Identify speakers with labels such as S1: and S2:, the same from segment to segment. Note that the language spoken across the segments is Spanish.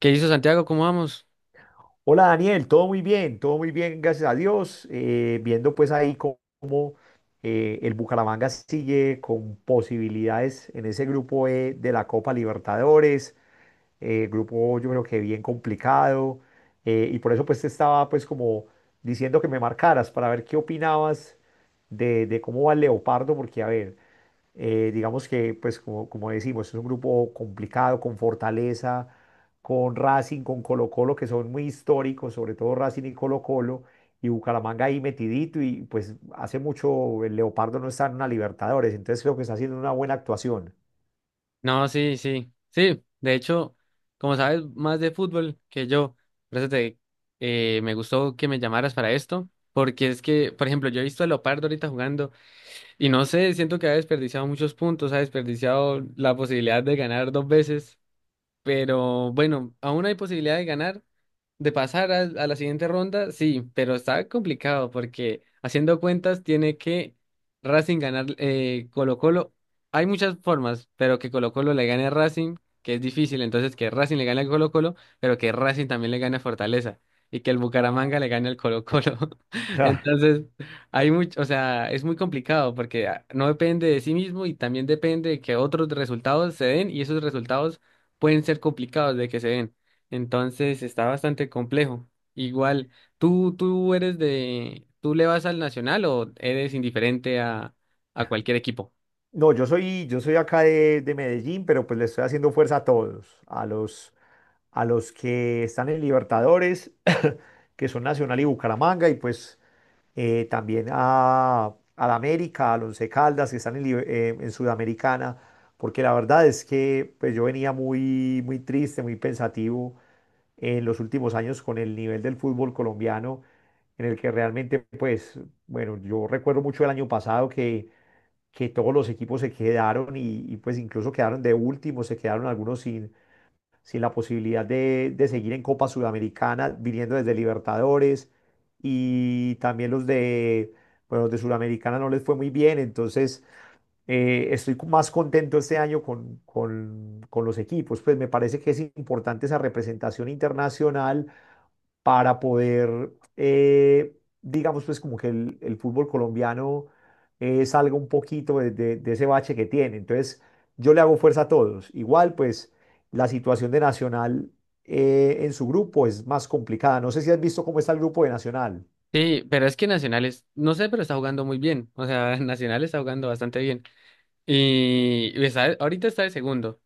S1: ¿Qué hizo Santiago? ¿Cómo vamos?
S2: Hola Daniel, todo muy bien, gracias a Dios. Viendo pues ahí cómo, el Bucaramanga sigue con posibilidades en ese grupo E de la Copa Libertadores, grupo yo creo que bien complicado, y por eso pues te estaba pues como diciendo que me marcaras para ver qué opinabas de cómo va el Leopardo, porque a ver, digamos que, pues como decimos, es un grupo complicado, con fortaleza, con Racing, con Colo Colo, que son muy históricos, sobre todo Racing y Colo Colo, y Bucaramanga ahí metidito, y pues hace mucho el Leopardo no está en una Libertadores, entonces creo que está haciendo una buena actuación.
S1: No, sí, sí, sí. De hecho, como sabes más de fútbol que yo, por eso me gustó que me llamaras para esto, porque es que, por ejemplo, yo he visto a Leopardo ahorita jugando y no sé, siento que ha desperdiciado muchos puntos, ha desperdiciado la posibilidad de ganar dos veces. Pero bueno, aún hay posibilidad de ganar, de pasar a la siguiente ronda, sí, pero está complicado porque haciendo cuentas tiene que Racing ganar Colo-Colo. Hay muchas formas, pero que Colo-Colo le gane a Racing, que es difícil, entonces que Racing le gane a Colo-Colo, pero que Racing también le gane a Fortaleza y que el Bucaramanga le gane al Colo-Colo.
S2: Ya.
S1: Entonces, hay mucho, o sea, es muy complicado porque ah, no depende de sí mismo y también depende de que otros resultados se den y esos resultados pueden ser complicados de que se den. Entonces está bastante complejo. Igual, ¿tú eres de, tú le vas al Nacional o eres indiferente a cualquier equipo?
S2: No, yo soy acá de Medellín, pero pues le estoy haciendo fuerza a todos, a los que están en Libertadores, que son Nacional y Bucaramanga, y pues también a, al América, al Once Caldas, que están en en Sudamericana, porque la verdad es que pues, yo venía muy, muy triste, muy pensativo en los últimos años con el nivel del fútbol colombiano, en el que realmente, pues, bueno, yo recuerdo mucho el año pasado que todos los equipos se quedaron y pues incluso quedaron de último, se quedaron algunos sin la posibilidad de seguir en Copa Sudamericana, viniendo desde Libertadores, y también bueno, los de Sudamericana no les fue muy bien, entonces estoy más contento este año con los equipos. Pues me parece que es importante esa representación internacional para poder, digamos, pues como que el fútbol colombiano salga un poquito de, de ese bache que tiene. Entonces, yo le hago fuerza a todos. Igual, pues, la situación de Nacional en su grupo es más complicada. No sé si has visto cómo está el grupo de Nacional.
S1: Sí, pero es que Nacionales, no sé, pero está jugando muy bien. O sea, Nacional está jugando bastante bien. Y está- ahorita está de segundo.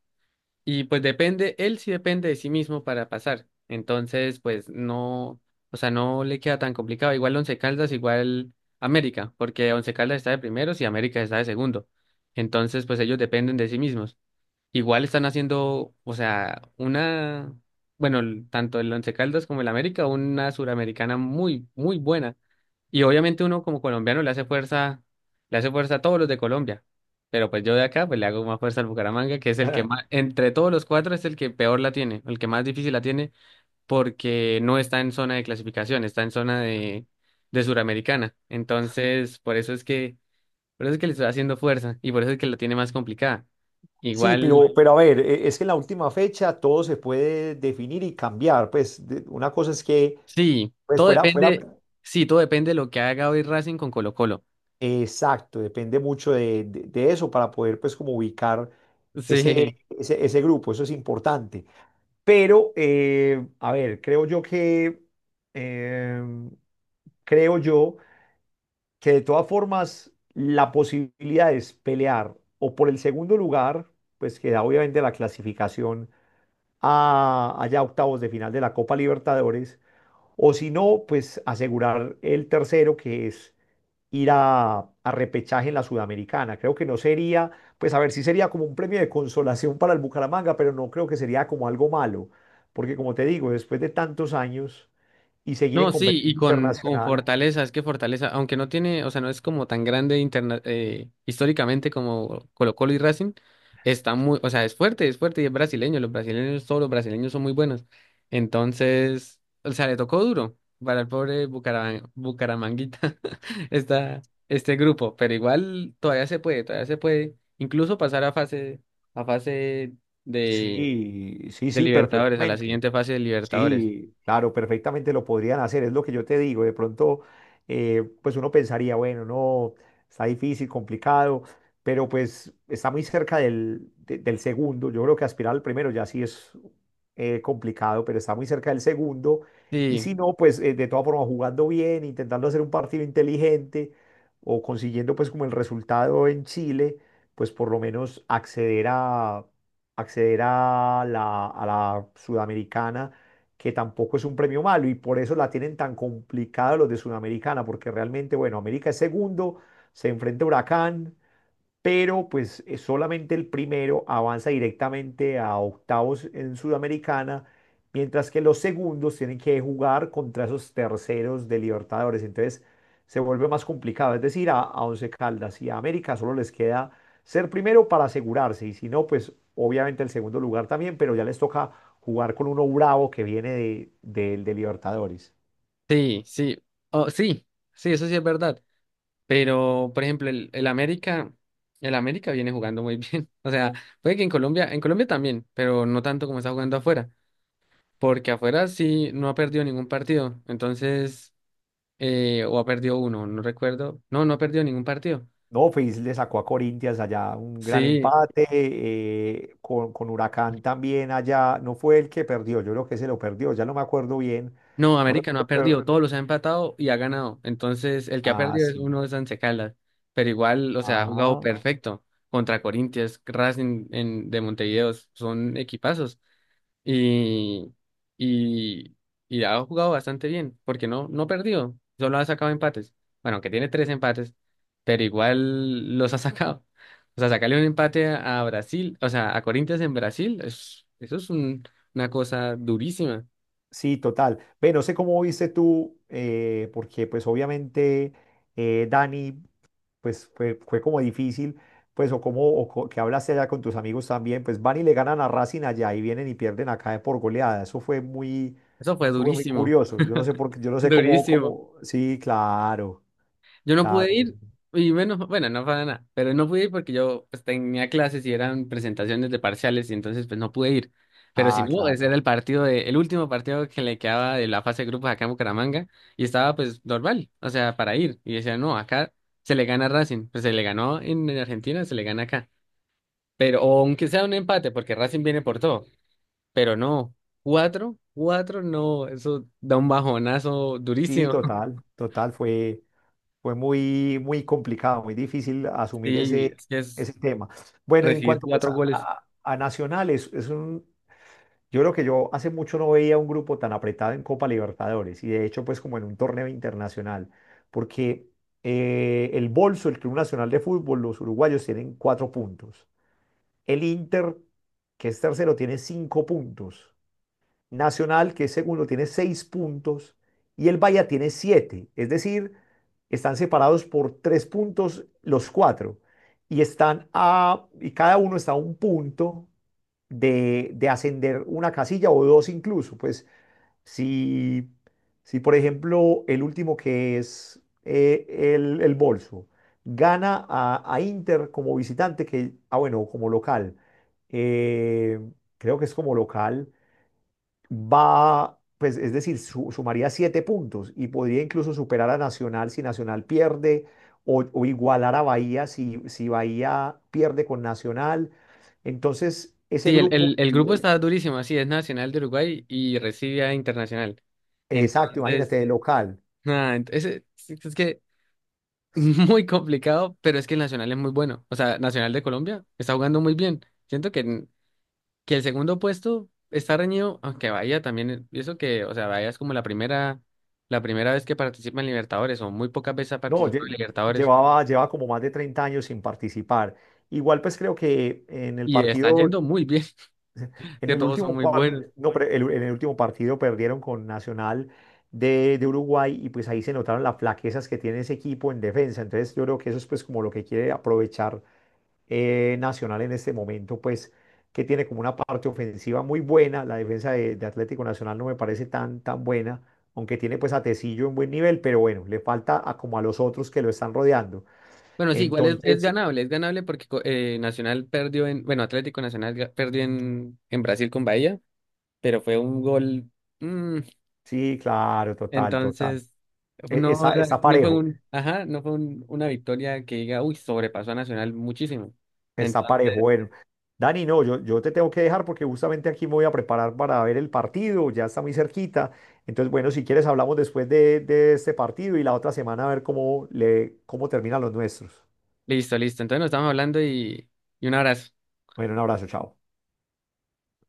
S1: Y pues depende, él sí depende de sí mismo para pasar. Entonces, pues no, o sea, no le queda tan complicado. Igual Once Caldas, igual América, porque Once Caldas está de primeros y América está de segundo. Entonces, pues ellos dependen de sí mismos. Igual están haciendo, o sea, una, bueno, el- tanto el Once Caldas como el América, una suramericana muy, muy buena. Y obviamente uno como colombiano le hace fuerza a todos los de Colombia. Pero pues yo de acá pues le hago más fuerza al Bucaramanga, que es el que más, entre todos los cuatro es el que peor la tiene, el que más difícil la tiene, porque no está en zona de clasificación, está en zona de Suramericana. Entonces, por eso es que, por eso es que le estoy haciendo fuerza y por eso es que la tiene más complicada.
S2: Sí, pero,
S1: Igual,
S2: pero a ver, es que en la última fecha todo se puede definir y cambiar. Pues una cosa es que
S1: sí,
S2: pues
S1: todo
S2: fuera,
S1: depende, sí, todo depende de lo que haga hoy Racing con Colo-Colo.
S2: exacto, depende mucho de, de eso para poder pues como ubicar ese,
S1: Sí.
S2: ese, ese grupo, eso es importante. Pero, a ver, eh, creo yo que de todas formas la posibilidad es pelear o por el segundo lugar, pues que da obviamente la clasificación allá octavos de final de la Copa Libertadores, o si no, pues asegurar el tercero que es ir a repechaje en la Sudamericana. Creo que no sería, pues a ver, sí sería como un premio de consolación para el Bucaramanga, pero no creo que sería como algo malo, porque como te digo, después de tantos años y seguir
S1: No,
S2: en
S1: sí, y
S2: competencia
S1: con
S2: internacional,
S1: Fortaleza, es que Fortaleza, aunque no tiene, o sea, no es como tan grande históricamente como Colo-Colo y Racing, está muy, o sea, es fuerte y es brasileño, los brasileños, todos los brasileños son muy buenos. Entonces, o sea, le tocó duro para el pobre Bucaramanguita esta, este grupo, pero igual todavía se puede incluso pasar a fase de,
S2: sí, sí,
S1: de
S2: sí,
S1: Libertadores, a la
S2: perfectamente.
S1: siguiente fase de Libertadores.
S2: Sí, claro, perfectamente lo podrían hacer, es lo que yo te digo. De pronto, pues uno pensaría, bueno, no, está difícil, complicado, pero pues está muy cerca del, del segundo. Yo creo que aspirar al primero ya sí es complicado, pero está muy cerca del segundo. Y
S1: Sí.
S2: si no, pues de todas formas, jugando bien, intentando hacer un partido inteligente o consiguiendo pues como el resultado en Chile, pues por lo menos acceder a a la Sudamericana, que tampoco es un premio malo, y por eso la tienen tan complicada los de Sudamericana, porque realmente, bueno, América es segundo, se enfrenta a Huracán, pero pues solamente el primero avanza directamente a octavos en Sudamericana, mientras que los segundos tienen que jugar contra esos terceros de Libertadores. Entonces se vuelve más complicado. Es decir, a Once Caldas y a América solo les queda ser primero para asegurarse, y si no, pues obviamente el segundo lugar también, pero ya les toca jugar con uno bravo que viene de, del de Libertadores.
S1: Sí, sí, oh, sí, sí, eso sí es verdad. Pero, por ejemplo, el América, el América viene jugando muy bien. O sea, puede que en Colombia también, pero no tanto como está jugando afuera, porque afuera sí no ha perdido ningún partido. Entonces, o ha perdido uno, no recuerdo. No, no ha perdido ningún partido.
S2: No, Fis le sacó a Corinthians allá un gran
S1: Sí,
S2: empate, con Huracán también allá, no fue el que perdió, yo creo que se lo perdió, ya no me acuerdo bien,
S1: no,
S2: no
S1: América no
S2: recuerdo,
S1: ha perdido, todos los ha empatado y ha ganado. Entonces, el que ha
S2: ah,
S1: perdido es
S2: sí,
S1: uno de Once Caldas, pero igual, o sea, ha jugado
S2: ajá,
S1: perfecto contra Corinthians, Racing en- de Montevideo, son equipazos y, y, y ha jugado bastante bien, porque no, no ha perdido, solo ha sacado empates. Bueno, que tiene tres empates, pero igual los ha sacado. O sea, sacarle un empate a Brasil, o sea, a Corinthians en Brasil, es- eso es un- una cosa durísima.
S2: sí, total. Ve, no sé cómo viste tú, porque pues obviamente Dani, pues fue como difícil, pues o como que hablaste allá con tus amigos también, pues van y le ganan a Racing allá y vienen y pierden acá por goleada.
S1: Eso fue
S2: Eso fue muy
S1: durísimo.
S2: curioso. Yo no sé por qué, yo no sé cómo,
S1: Durísimo.
S2: cómo, sí, claro,
S1: Yo no
S2: claro.
S1: pude ir, y bueno, bueno, no para nada, pero no pude ir porque yo pues, tenía clases y eran presentaciones de parciales, y entonces pues no pude ir. Pero si
S2: Ah,
S1: no, ese
S2: claro.
S1: era el partido de, el último partido que le quedaba de la fase de grupos acá en Bucaramanga, y estaba pues normal, o sea, para ir. Y decía, no, acá se le gana a Racing, pues se le ganó en Argentina, se le gana acá. Pero, o aunque sea un empate, porque Racing viene por todo, pero no, cuatro, cuatro, no, eso da un bajonazo
S2: Sí,
S1: durísimo.
S2: total, total, fue muy, muy complicado, muy difícil asumir
S1: Sí, es que es
S2: ese tema. Bueno, y en
S1: recibir
S2: cuanto pues,
S1: cuatro
S2: a,
S1: goles.
S2: a nacionales, yo creo que yo hace mucho no veía un grupo tan apretado en Copa Libertadores y de hecho pues como en un torneo internacional, porque el Bolso, el Club Nacional de Fútbol, los uruguayos tienen 4 puntos. El Inter, que es tercero, tiene 5 puntos. Nacional, que es segundo, tiene 6 puntos y el Bahía tiene 7. Es decir, están separados por 3 puntos los cuatro y están a, y cada uno está a 1 punto de ascender una casilla o dos incluso. Pues si, si por ejemplo, el último que es el Bolso gana a Inter como visitante, que, ah, bueno, como local, eh, creo que es como local va, pues es decir, sumaría 7 puntos y podría incluso superar a Nacional si Nacional pierde o igualar a Bahía si Bahía pierde con Nacional. Entonces, ese
S1: Sí, el,
S2: grupo,
S1: el, el grupo está durísimo, así es Nacional de Uruguay y recibe a Internacional.
S2: exacto, imagínate,
S1: Entonces,
S2: de local,
S1: nada, ent- ese- es que muy complicado, pero es que el Nacional es muy bueno. O sea, Nacional de Colombia está jugando muy bien. Siento que, en- que el segundo puesto está reñido, aunque Bahía también, e-, y eso que, o sea, Bahía es como la primera vez que participa en Libertadores, o muy pocas veces ha
S2: no,
S1: participado en Libertadores,
S2: lleva como más de 30 años sin participar. Igual, pues creo que en el
S1: y está
S2: partido,
S1: yendo muy bien,
S2: en
S1: que
S2: el
S1: todos son muy buenos.
S2: no, pero en el último partido perdieron con Nacional de Uruguay y pues ahí se notaron las flaquezas que tiene ese equipo en defensa. Entonces yo creo que eso es pues como lo que quiere aprovechar Nacional en este momento, pues que tiene como una parte ofensiva muy buena. La defensa de Atlético Nacional no me parece tan, tan buena, aunque tiene pues a Tecillo en buen nivel, pero bueno, le falta a, como a los otros que lo están rodeando.
S1: Bueno, sí, igual
S2: Entonces,
S1: es ganable porque co- Nacional perdió en, bueno, Atlético Nacional ga- perdió en Brasil con Bahía, pero fue un gol, mm,
S2: sí, claro, total, total.
S1: entonces no era-
S2: Está
S1: no fue
S2: parejo.
S1: un, ajá, no fue un- una victoria que diga, uy, sobrepasó a Nacional muchísimo.
S2: Está parejo.
S1: Entonces,
S2: Bueno, Dani, no, yo te tengo que dejar porque justamente aquí me voy a preparar para ver el partido, ya está muy cerquita. Entonces, bueno, si quieres hablamos después de este partido y la otra semana a ver cómo le, cómo terminan los nuestros.
S1: listo, listo. Entonces nos estamos hablando y un abrazo.
S2: Bueno, un abrazo, chao.